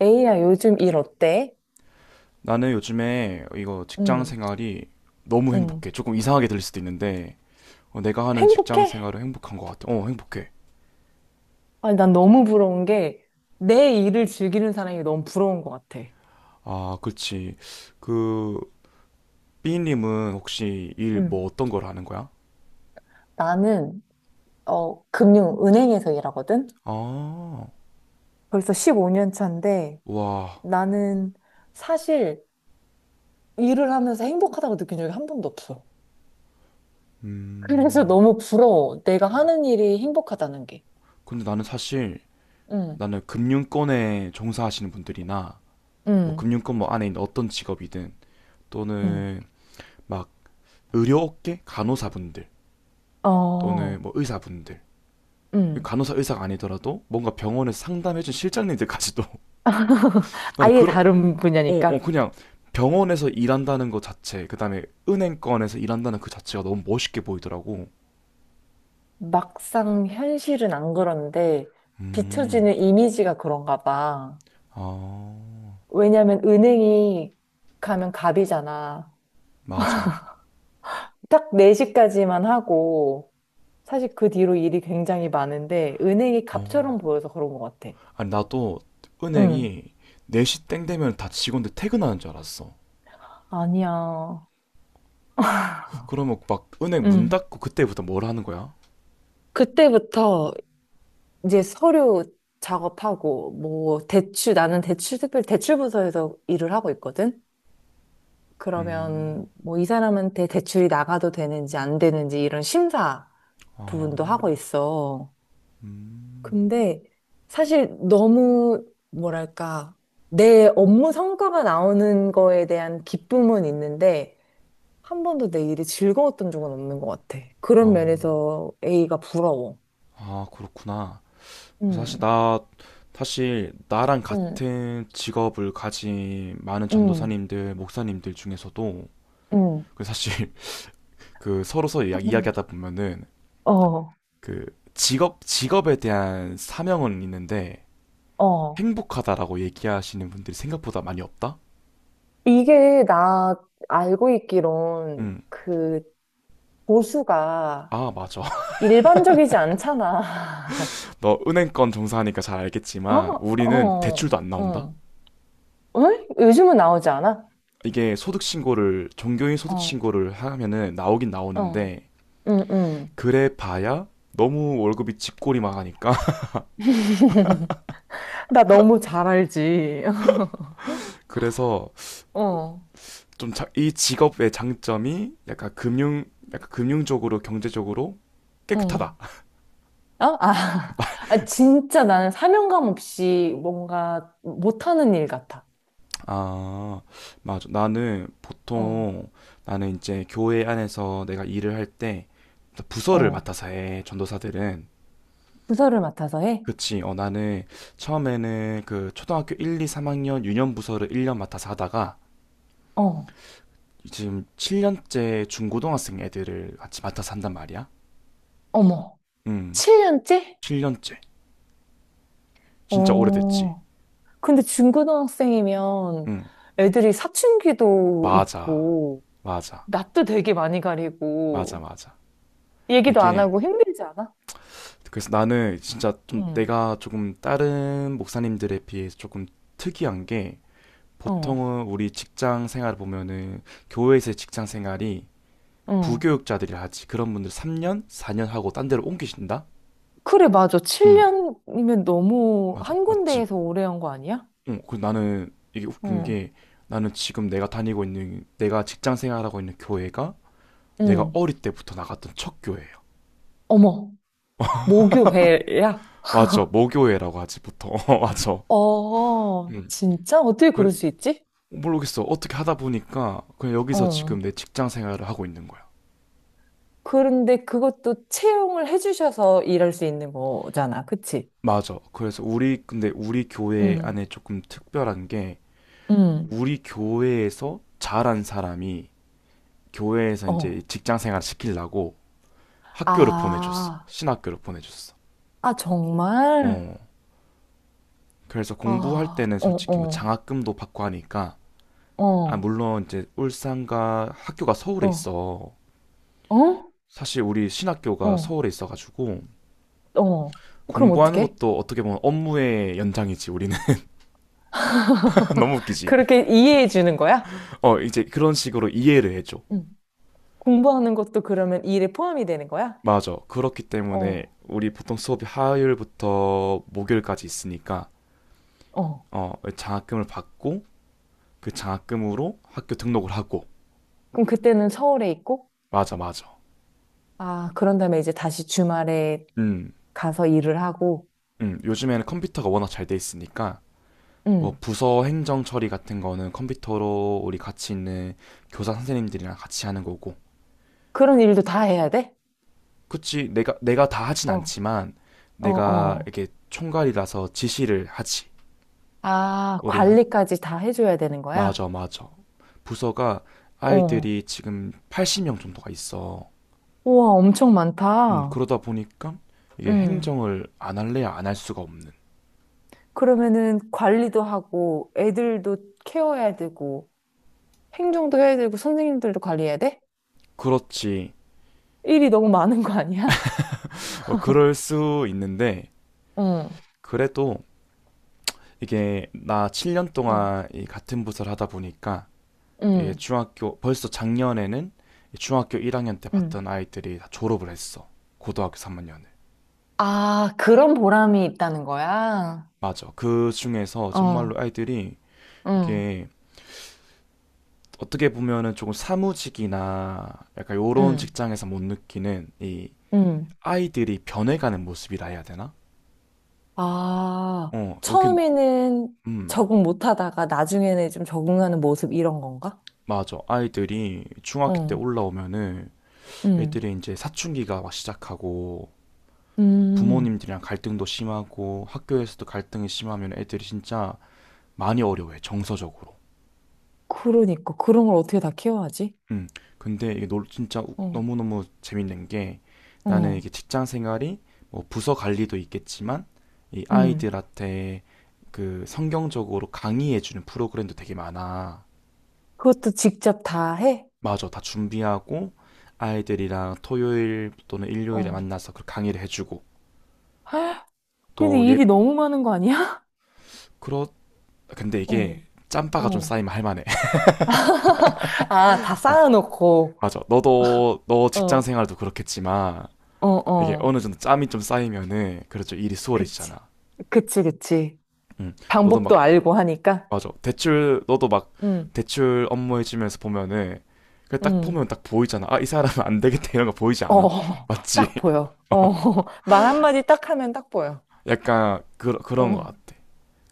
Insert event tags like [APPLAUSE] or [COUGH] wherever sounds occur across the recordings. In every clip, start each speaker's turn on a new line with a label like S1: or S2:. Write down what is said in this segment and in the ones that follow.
S1: A야, 요즘 일 어때?
S2: 나는 요즘에 이거 직장
S1: 응,
S2: 생활이 너무
S1: 응.
S2: 행복해. 조금 이상하게 들릴 수도 있는데, 내가 하는
S1: 행복해?
S2: 직장 생활은 행복한 것 같아. 행복해.
S1: 아니, 난 너무 부러운 게, 내 일을 즐기는 사람이 너무 부러운 것 같아.
S2: 아, 그렇지. 그, b 님은 혹시 일 뭐
S1: 응.
S2: 어떤 걸 하는 거야?
S1: 나는, 금융, 은행에서 일하거든?
S2: 아,
S1: 벌써 15년 차인데
S2: 와,
S1: 나는 사실 일을 하면서 행복하다고 느낀 적이 한 번도 없어. 그래서
S2: 음.
S1: 너무 부러워. 내가 하는 일이 행복하다는 게.
S2: 근데 나는 사실,
S1: 응,
S2: 나는 금융권에 종사하시는 분들이나, 뭐
S1: 응,
S2: 금융권 뭐 안에 있는 어떤 직업이든,
S1: 응.
S2: 또는 막 의료 업계 간호사분들,
S1: 어,
S2: 또는 뭐 의사분들,
S1: 응.
S2: 간호사 의사가 아니더라도 뭔가 병원에서 상담해준 실장님들까지도 [LAUGHS] 나는
S1: 아예
S2: 그런
S1: 다른 분야니까.
S2: 그냥 병원에서 일한다는 것 자체, 그다음에 은행권에서 일한다는 그 자체가 너무 멋있게 보이더라고.
S1: 막상 현실은 안 그런데
S2: 음,
S1: 비춰지는 이미지가 그런가 봐.
S2: 아,
S1: 왜냐면 은행이 가면 갑이잖아.
S2: 맞아.
S1: 딱 4시까지만 하고 사실 그 뒤로 일이 굉장히 많은데 은행이
S2: 어.
S1: 갑처럼 보여서 그런 것 같아.
S2: 아니, 나도
S1: 응.
S2: 은행이 4시 땡 되면 다 직원들 퇴근하는 줄 알았어.
S1: 아니야.
S2: 그러면 막 은행 문
S1: 응.
S2: 닫고 그때부터 뭘 하는 거야?
S1: 그때부터 이제 서류 작업하고 뭐 대출 나는 대출 특별 대출부서에서 일을 하고 있거든.
S2: 음,
S1: 그러면 뭐 이 사람한테 대출이 나가도 되는지 안 되는지 이런 심사
S2: 어,
S1: 부분도 하고 있어.
S2: 음,
S1: 근데 사실 너무 뭐랄까 내 업무 성과가 나오는 거에 대한 기쁨은 있는데 한 번도 내 일이 즐거웠던 적은 없는 것 같아. 그런
S2: 어.
S1: 면에서 A가 부러워.
S2: 아, 그렇구나.
S1: 음,
S2: 사실 나 사실 나랑
S1: 음,
S2: 같은 직업을 가진 많은
S1: 음,
S2: 전도사님들, 목사님들 중에서도,
S1: 음.
S2: 그 사실 [LAUGHS] 그 서로서
S1: 음.
S2: 이야기하다 보면은
S1: 어,
S2: 그 직업 직업에 대한 사명은 있는데
S1: 어.
S2: 행복하다라고 얘기하시는 분들이 생각보다 많이 없다.
S1: 이게 나 알고 있기론
S2: 응.
S1: 그 보수가
S2: 아, 맞아. [LAUGHS]
S1: 일반적이지 않잖아. [LAUGHS]
S2: 너 은행권 종사하니까 잘
S1: 어?
S2: 알겠지만 우리는
S1: 어,
S2: 대출도 안 나온다.
S1: 어. 응? 요즘은 나오지 않아?
S2: 이게 소득 신고를, 종교인 소득
S1: 어,
S2: 신고를 하면은 나오긴
S1: 어,
S2: 나오는데,
S1: 응, 응.
S2: 그래 봐야 너무 월급이 집꼬리만 하니까.
S1: [LAUGHS] 나 너무 잘 알지. [LAUGHS]
S2: [LAUGHS] 그래서
S1: 어,
S2: 좀 이 직업의 장점이 약간 금융적으로, 경제적으로 깨끗하다.
S1: 응. 어? 아, [LAUGHS]
S2: [LAUGHS]
S1: 아, 진짜 나는 사명감 없이 뭔가 못하는 일 같아.
S2: 아, 맞아.
S1: 어,
S2: 나는 이제 교회 안에서 내가 일을 할 때 부서를
S1: 어.
S2: 맡아서 해. 전도사들은,
S1: 부서를 맡아서 해?
S2: 그치, 나는 처음에는 그 초등학교 1, 2, 3학년 유년 부서를 1년 맡아서 하다가
S1: 어,
S2: 지금 7년째 중고등학생 애들을 같이 맡아서 한단 말이야.
S1: 어머.
S2: 음,
S1: 7년째?
S2: 7년째. 진짜 오래됐지.
S1: 어, 근데 중고등학생이면
S2: 음,
S1: 애들이 사춘기도
S2: 맞아.
S1: 있고,
S2: 맞아.
S1: 낯도 되게 많이
S2: 맞아,
S1: 가리고,
S2: 맞아.
S1: 얘기도 안
S2: 이게,
S1: 하고 힘들지 않아?
S2: 그래서 나는 진짜 좀,
S1: 응,
S2: 내가 조금 다른 목사님들에 비해서 조금 특이한 게,
S1: 어,
S2: 보통은 우리 직장 생활 보면은, 교회에서의 직장 생활이
S1: 응.
S2: 부교육자들이 하지. 그런 분들 3년, 4년 하고 딴 데로 옮기신다?
S1: 그래, 맞아.
S2: 음,
S1: 7년이면 너무
S2: 맞아.
S1: 한
S2: 맞지.
S1: 군데에서 오래 한 거 아니야?
S2: 그 나는 이게 웃긴
S1: 응,
S2: 게, 나는 지금 내가 다니고 있는, 내가 직장 생활하고 있는 교회가, 내가
S1: 응.
S2: 어릴 때부터 나갔던 첫 교회.
S1: 어머,
S2: [LAUGHS]
S1: 모교회야?
S2: 맞죠. 모교회라고 하지 보통. [LAUGHS] 어, 맞아.
S1: 어,
S2: 음.
S1: 진짜? 어떻게
S2: 그래.
S1: 그럴 수 있지?
S2: 모르겠어. 어떻게 하다 보니까 그냥 여기서
S1: 어.
S2: 지금 내 직장 생활을 하고 있는 거야.
S1: 그런데 그것도 채용을 해주셔서 일할 수 있는 거잖아. 그치?
S2: 맞아. 그래서 우리 근데 우리 교회
S1: 응,
S2: 안에 조금 특별한 게,
S1: 응,
S2: 우리 교회에서 잘한 사람이 교회에서 이제
S1: 어.
S2: 직장 생활 시키려고 학교를 보내줬어.
S1: 아,
S2: 신학교를 보내줬어.
S1: 아, 정말?
S2: 어. 그래서 공부할
S1: 아,
S2: 때는
S1: 어,
S2: 솔직히 뭐
S1: 어,
S2: 장학금도 받고 하니까. 아,
S1: 어.
S2: 물론 이제 울산과 학교가 서울에
S1: 어.
S2: 있어.
S1: 어?
S2: 사실 우리 신학교가
S1: 어,
S2: 서울에 있어가지고
S1: 어. 그럼
S2: 공부하는
S1: 어떻게?
S2: 것도 어떻게 보면 업무의 연장이지 우리는. [LAUGHS] 너무 웃기지.
S1: 그렇게 이해해 주는 거야?
S2: 이제 그런 식으로 이해를 해줘.
S1: 응. 공부하는 것도 그러면 이 일에 포함이 되는 거야?
S2: 맞아. 그렇기 때문에
S1: 어,
S2: 우리 보통 수업이 화요일부터 목요일까지 있으니까
S1: 어.
S2: 장학금을 받고 그 장학금으로 학교 등록을 하고.
S1: 그럼 그때는 서울에 있고,
S2: 맞아, 맞아.
S1: 아, 그런 다음에 이제 다시 주말에
S2: 음,
S1: 가서 일을 하고,
S2: 요즘에는 컴퓨터가 워낙 잘 돼 있으니까 뭐
S1: 응.
S2: 부서 행정 처리 같은 거는 컴퓨터로, 우리 같이 있는 교사 선생님들이랑 같이 하는 거고.
S1: 그런 일도 다 해야 돼?
S2: 그치. 내가 다 하진
S1: 어, 어,
S2: 않지만 내가
S1: 어.
S2: 이렇게 총괄이라서 지시를 하지.
S1: 아,
S2: 우리 한-
S1: 관리까지 다 해줘야 되는 거야?
S2: 맞아, 맞아. 부서가
S1: 어.
S2: 아이들이 지금 80명 정도가 있어.
S1: 우와, 엄청 많다.
S2: 그러다 보니까 이게
S1: 응.
S2: 행정을 안 할래야 안 할 수가 없는.
S1: 그러면은 관리도 하고, 애들도 케어해야 되고, 행정도 해야 되고 선생님들도 관리해야 돼?
S2: 그렇지.
S1: 일이 너무 많은 거 아니야?
S2: 어, 그럴 수 있는데
S1: 응,
S2: 그래도 이게 나 7년
S1: 응
S2: 동안 이 같은 부서를 하다 보니까, 이게
S1: 응.
S2: 중학교 벌써 작년에는 이 중학교 1학년 때
S1: 응.
S2: 봤던 아이들이 다 졸업을 했어. 고등학교 3학년을.
S1: 아, 그런 보람이 있다는 거야?
S2: 맞아. 그 중에서 정말로
S1: 어,
S2: 아이들이,
S1: 응,
S2: 이게 어떻게 보면은 조금 사무직이나 약간 요런
S1: 응,
S2: 직장에서 못 느끼는, 이
S1: 응.
S2: 아이들이 변해가는 모습이라 해야 되나?
S1: 아,
S2: 여긴,
S1: 처음에는
S2: 음,
S1: 적응 못 하다가 나중에는 좀 적응하는 모습 이런 건가?
S2: 맞아. 아이들이 중학교 때
S1: 어,
S2: 올라오면은
S1: 응
S2: 애들이 이제 사춘기가 막 시작하고
S1: 음,
S2: 부모님들이랑 갈등도 심하고 학교에서도 갈등이 심하면 애들이 진짜 많이 어려워해, 정서적으로.
S1: 그러니까. 그런 걸 어떻게 다 키워야지?
S2: 음, 근데 이게 진짜
S1: 어,
S2: 너무너무 재밌는 게, 나는
S1: 어,
S2: 이게 직장 생활이, 뭐 부서 관리도 있겠지만 이
S1: 음,
S2: 아이들한테 그 성경적으로 강의해주는 프로그램도 되게 많아.
S1: 그것도 직접 다 해?
S2: 맞아, 다 준비하고 아이들이랑 토요일 또는 일요일에
S1: 어,
S2: 만나서 그 강의를 해주고.
S1: 근데 [GASPS]
S2: 또 예,
S1: 일이 너무 많은 거 아니야?
S2: 그렇, 근데
S1: [LAUGHS]
S2: 이게
S1: 어.
S2: 짬바가 좀
S1: 어.
S2: 쌓이면 할만해.
S1: 아, 다
S2: [LAUGHS] 어,
S1: 쌓아놓고.
S2: 맞아. 너도, 너 직장
S1: 어,
S2: 생활도 그렇겠지만
S1: 어,
S2: 이게
S1: 어.
S2: 어느 정도 짬이 좀 쌓이면은 그렇죠, 일이
S1: 그치.
S2: 수월해지잖아.
S1: 그치, 그치.
S2: 음, 너도 막,
S1: 방법도 알고 하니까.
S2: 맞아, 대출 너도 막
S1: 응,
S2: 대출 업무 해주면서 보면은 그 딱
S1: 응.
S2: 보면 딱 보이잖아. 아, 이 사람은 안 되겠다, 이런 거 보이지
S1: 어,
S2: 않아?
S1: [LAUGHS]
S2: 맞지?
S1: 딱 보여.
S2: [LAUGHS]
S1: 어,
S2: 어,
S1: [LAUGHS] 말 한마디 딱 하면 딱 보여.
S2: 약간 그런 것
S1: 어,
S2: 같아.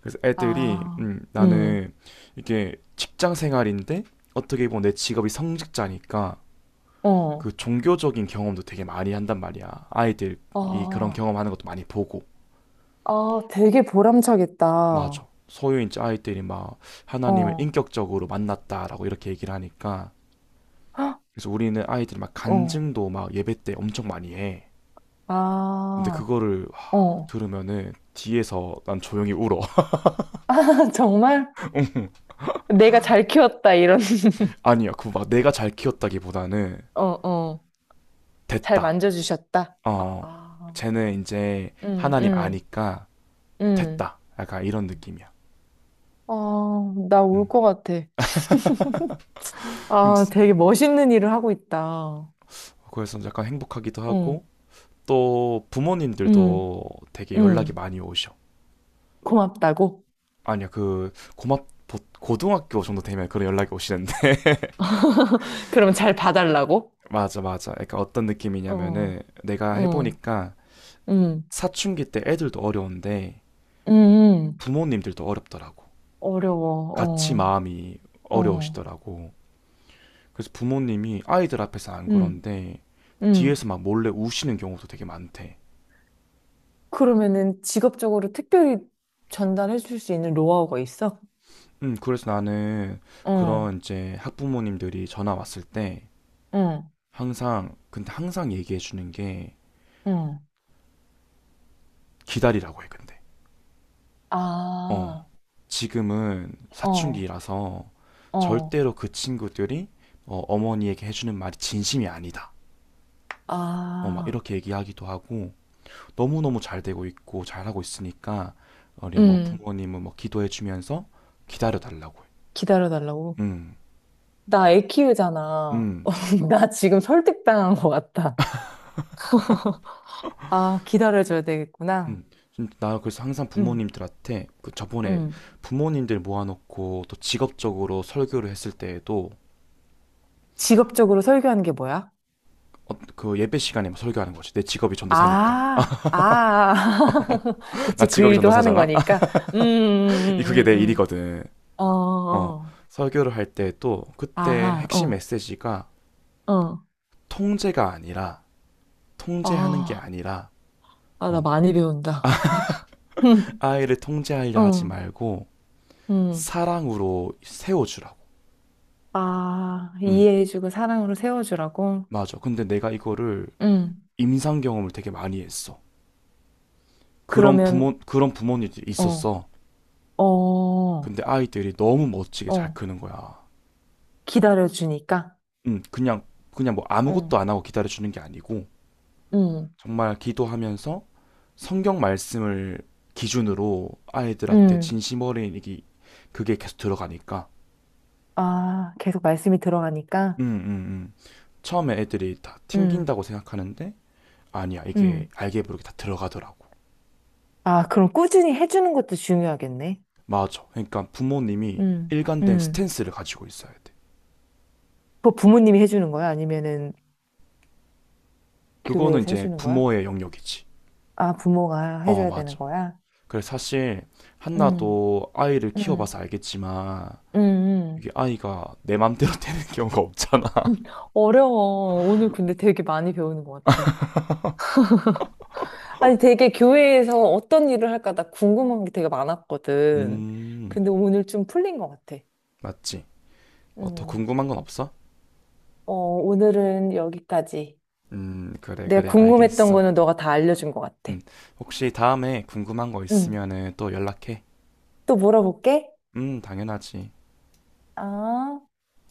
S2: 그래서 애들이,
S1: 아, 음,
S2: 나는 이게 직장 생활인데 어떻게 보면 내 직업이 성직자니까
S1: 어,
S2: 그 종교적인 경험도 되게 많이 한단 말이야. 아이들이 그런
S1: 아
S2: 경험하는 것도 많이 보고.
S1: 아, 되게 보람차겠다.
S2: 맞아.
S1: 어,
S2: 소유인 아이들이 막 하나님을 인격적으로 만났다라고 이렇게 얘기를 하니까,
S1: 헉,
S2: 그래서 우리는 아이들이 막
S1: 어,
S2: 간증도 막 예배 때 엄청 많이 해. 근데
S1: 아,
S2: 그거를 막
S1: 어.
S2: 들으면은 뒤에서 난 조용히 울어.
S1: [LAUGHS] 아, 정말?
S2: [LAUGHS]
S1: 내가 잘 키웠다, 이런. [LAUGHS]
S2: 아니야, 그거 막 내가 잘 키웠다기보다는
S1: 어, 어. 잘
S2: 됐다.
S1: 만져주셨다. 아,
S2: 어,
S1: 아.
S2: 쟤는 이제
S1: 응,
S2: 하나님
S1: 응,
S2: 아니까
S1: 응.
S2: 됐다. 약간 이런 느낌이야.
S1: 아, 나 울
S2: 음.
S1: 것 같아. 아, 되게 멋있는 일을 하고 있다.
S2: 그래서 약간 행복하기도 하고
S1: 응
S2: 또
S1: 응,
S2: 부모님들도 되게 연락이
S1: 응.
S2: 많이 오셔.
S1: 고맙다고?
S2: 아니요, 그 고맙 고등학교 정도 되면 그런 연락이 오시는데. [LAUGHS]
S1: 그럼 잘 봐달라고?
S2: 맞아, 맞아. 그러니까 어떤 느낌이냐면은,
S1: 어,
S2: 내가
S1: 응,
S2: 해보니까
S1: 응,
S2: 사춘기 때 애들도 어려운데
S1: 응, 응.
S2: 부모님들도 어렵더라고.
S1: 어려워.
S2: 같이
S1: 어,
S2: 마음이
S1: 어.
S2: 어려우시더라고. 그래서 부모님이 아이들 앞에서 안
S1: 응,
S2: 그런데
S1: 응,
S2: 뒤에서 막 몰래 우시는 경우도 되게 많대.
S1: 그러면은 직업적으로 특별히 전달해 줄 수 있는 노하우가 있어?
S2: 그래서 나는
S1: 어,
S2: 그런, 이제 학부모님들이 전화 왔을 때
S1: 어,
S2: 항상, 근데 항상 얘기해 주는 게
S1: 어,
S2: 기다리라고 해. 근데 어,
S1: 아,
S2: 지금은
S1: 어,
S2: 사춘기라서
S1: 어,
S2: 절대로 그 친구들이, 어머니에게 해주는 말이 진심이 아니다. 막
S1: 아,
S2: 이렇게 얘기하기도 하고, 너무너무 잘 되고 있고 잘하고 있으니까 우리 뭐
S1: 응.
S2: 부모님은 뭐 기도해주면서 기다려 달라고.
S1: 기다려 달라고?
S2: 음,
S1: 나 애 키우잖아.
S2: 음,
S1: [LAUGHS] 나 지금 설득당한 것 같다. [LAUGHS] 아, 기다려줘야 되겠구나.
S2: 좀 나 그래서 항상
S1: 응,
S2: 부모님들한테 그 저번에
S1: 응.
S2: 부모님들 모아놓고 또 직업적으로 설교를 했을 때에도,
S1: 직업적으로 설교하는 게 뭐야?
S2: 그 예배 시간에 막 설교하는 거지. 내 직업이 전도사니까.
S1: 아, 아.
S2: [LAUGHS]
S1: [LAUGHS]
S2: 나
S1: 그치, 그
S2: 직업이
S1: 일도 하는
S2: 전도사잖아.
S1: 거니까. 음, 음,
S2: 그게
S1: 음, 음.
S2: 내
S1: 음.
S2: 일이거든.
S1: 어,
S2: 어,
S1: 어.
S2: 설교를 할 때 또 그때
S1: 아하,
S2: 핵심
S1: 어,
S2: 메시지가
S1: 어.
S2: 통제가 아니라, 통제하는 게
S1: 아,
S2: 아니라
S1: 아, 나
S2: 어,
S1: 많이 배운다. 음,
S2: 아이를 통제하려 하지
S1: 어,
S2: 말고
S1: 음.
S2: 사랑으로 세워주라고.
S1: 아,
S2: 음,
S1: 이해해주고 사랑으로 세워주라고?
S2: 맞아. 근데 내가 이거를
S1: 응.
S2: 임상 경험을 되게 많이 했어.
S1: 그러면,
S2: 그런 부모님들이
S1: 어,
S2: 있었어.
S1: 어.
S2: 근데 아이들이 너무 멋지게 잘
S1: 어,
S2: 크는 거야.
S1: 기다려주니까.
S2: 음, 그냥 그냥 뭐 아무것도
S1: 어,
S2: 안 하고 기다려 주는 게 아니고,
S1: 음,
S2: 정말 기도하면서 성경 말씀을 기준으로 아이들한테
S1: 음.
S2: 진심 어린이기 그게 계속 들어가니까.
S1: 아, 계속 말씀이 들어가니까.
S2: 음, 음, 음. 처음에 애들이 다
S1: 음,
S2: 튕긴다고 생각하는데 아니야, 이게
S1: 음.
S2: 알게 모르게 다 들어가더라고.
S1: 아, 그럼 꾸준히 해주는 것도 중요하겠네.
S2: 맞아. 그러니까 부모님이
S1: 음,
S2: 일관된
S1: 음.
S2: 스탠스를 가지고 있어야 돼.
S1: 그거 부모님이 해주는 거야? 아니면은
S2: 그거는
S1: 교회에서
S2: 이제
S1: 해주는 거야?
S2: 부모의 영역이지.
S1: 아, 부모가
S2: 어,
S1: 해줘야 되는
S2: 맞아.
S1: 거야?
S2: 그래서 사실
S1: 음,
S2: 한나도 아이를
S1: 음,
S2: 키워봐서 알겠지만
S1: 음, 음.
S2: 이게 아이가 내 맘대로 [LAUGHS] 되는 경우가 없잖아.
S1: [LAUGHS] 어려워. 오늘 근데 되게 많이 배우는 것 같아.
S2: [LAUGHS]
S1: 아니, 되게 교회에서 어떤 일을 할까 나 궁금한 게 되게 많았거든.
S2: 음,
S1: 근데 오늘 좀 풀린 것 같아.
S2: 맞지. 뭐 더
S1: 음.
S2: 궁금한 건 없어?
S1: 어, 오늘은 여기까지.
S2: 그래,
S1: 내가
S2: 그래,
S1: 궁금했던
S2: 알겠어.
S1: 거는 너가 다 알려준 것 같아.
S2: 음, 혹시 다음에 궁금한 거
S1: 응.
S2: 있으면은 또 연락해.
S1: 또 물어볼게.
S2: 당연하지.
S1: 아.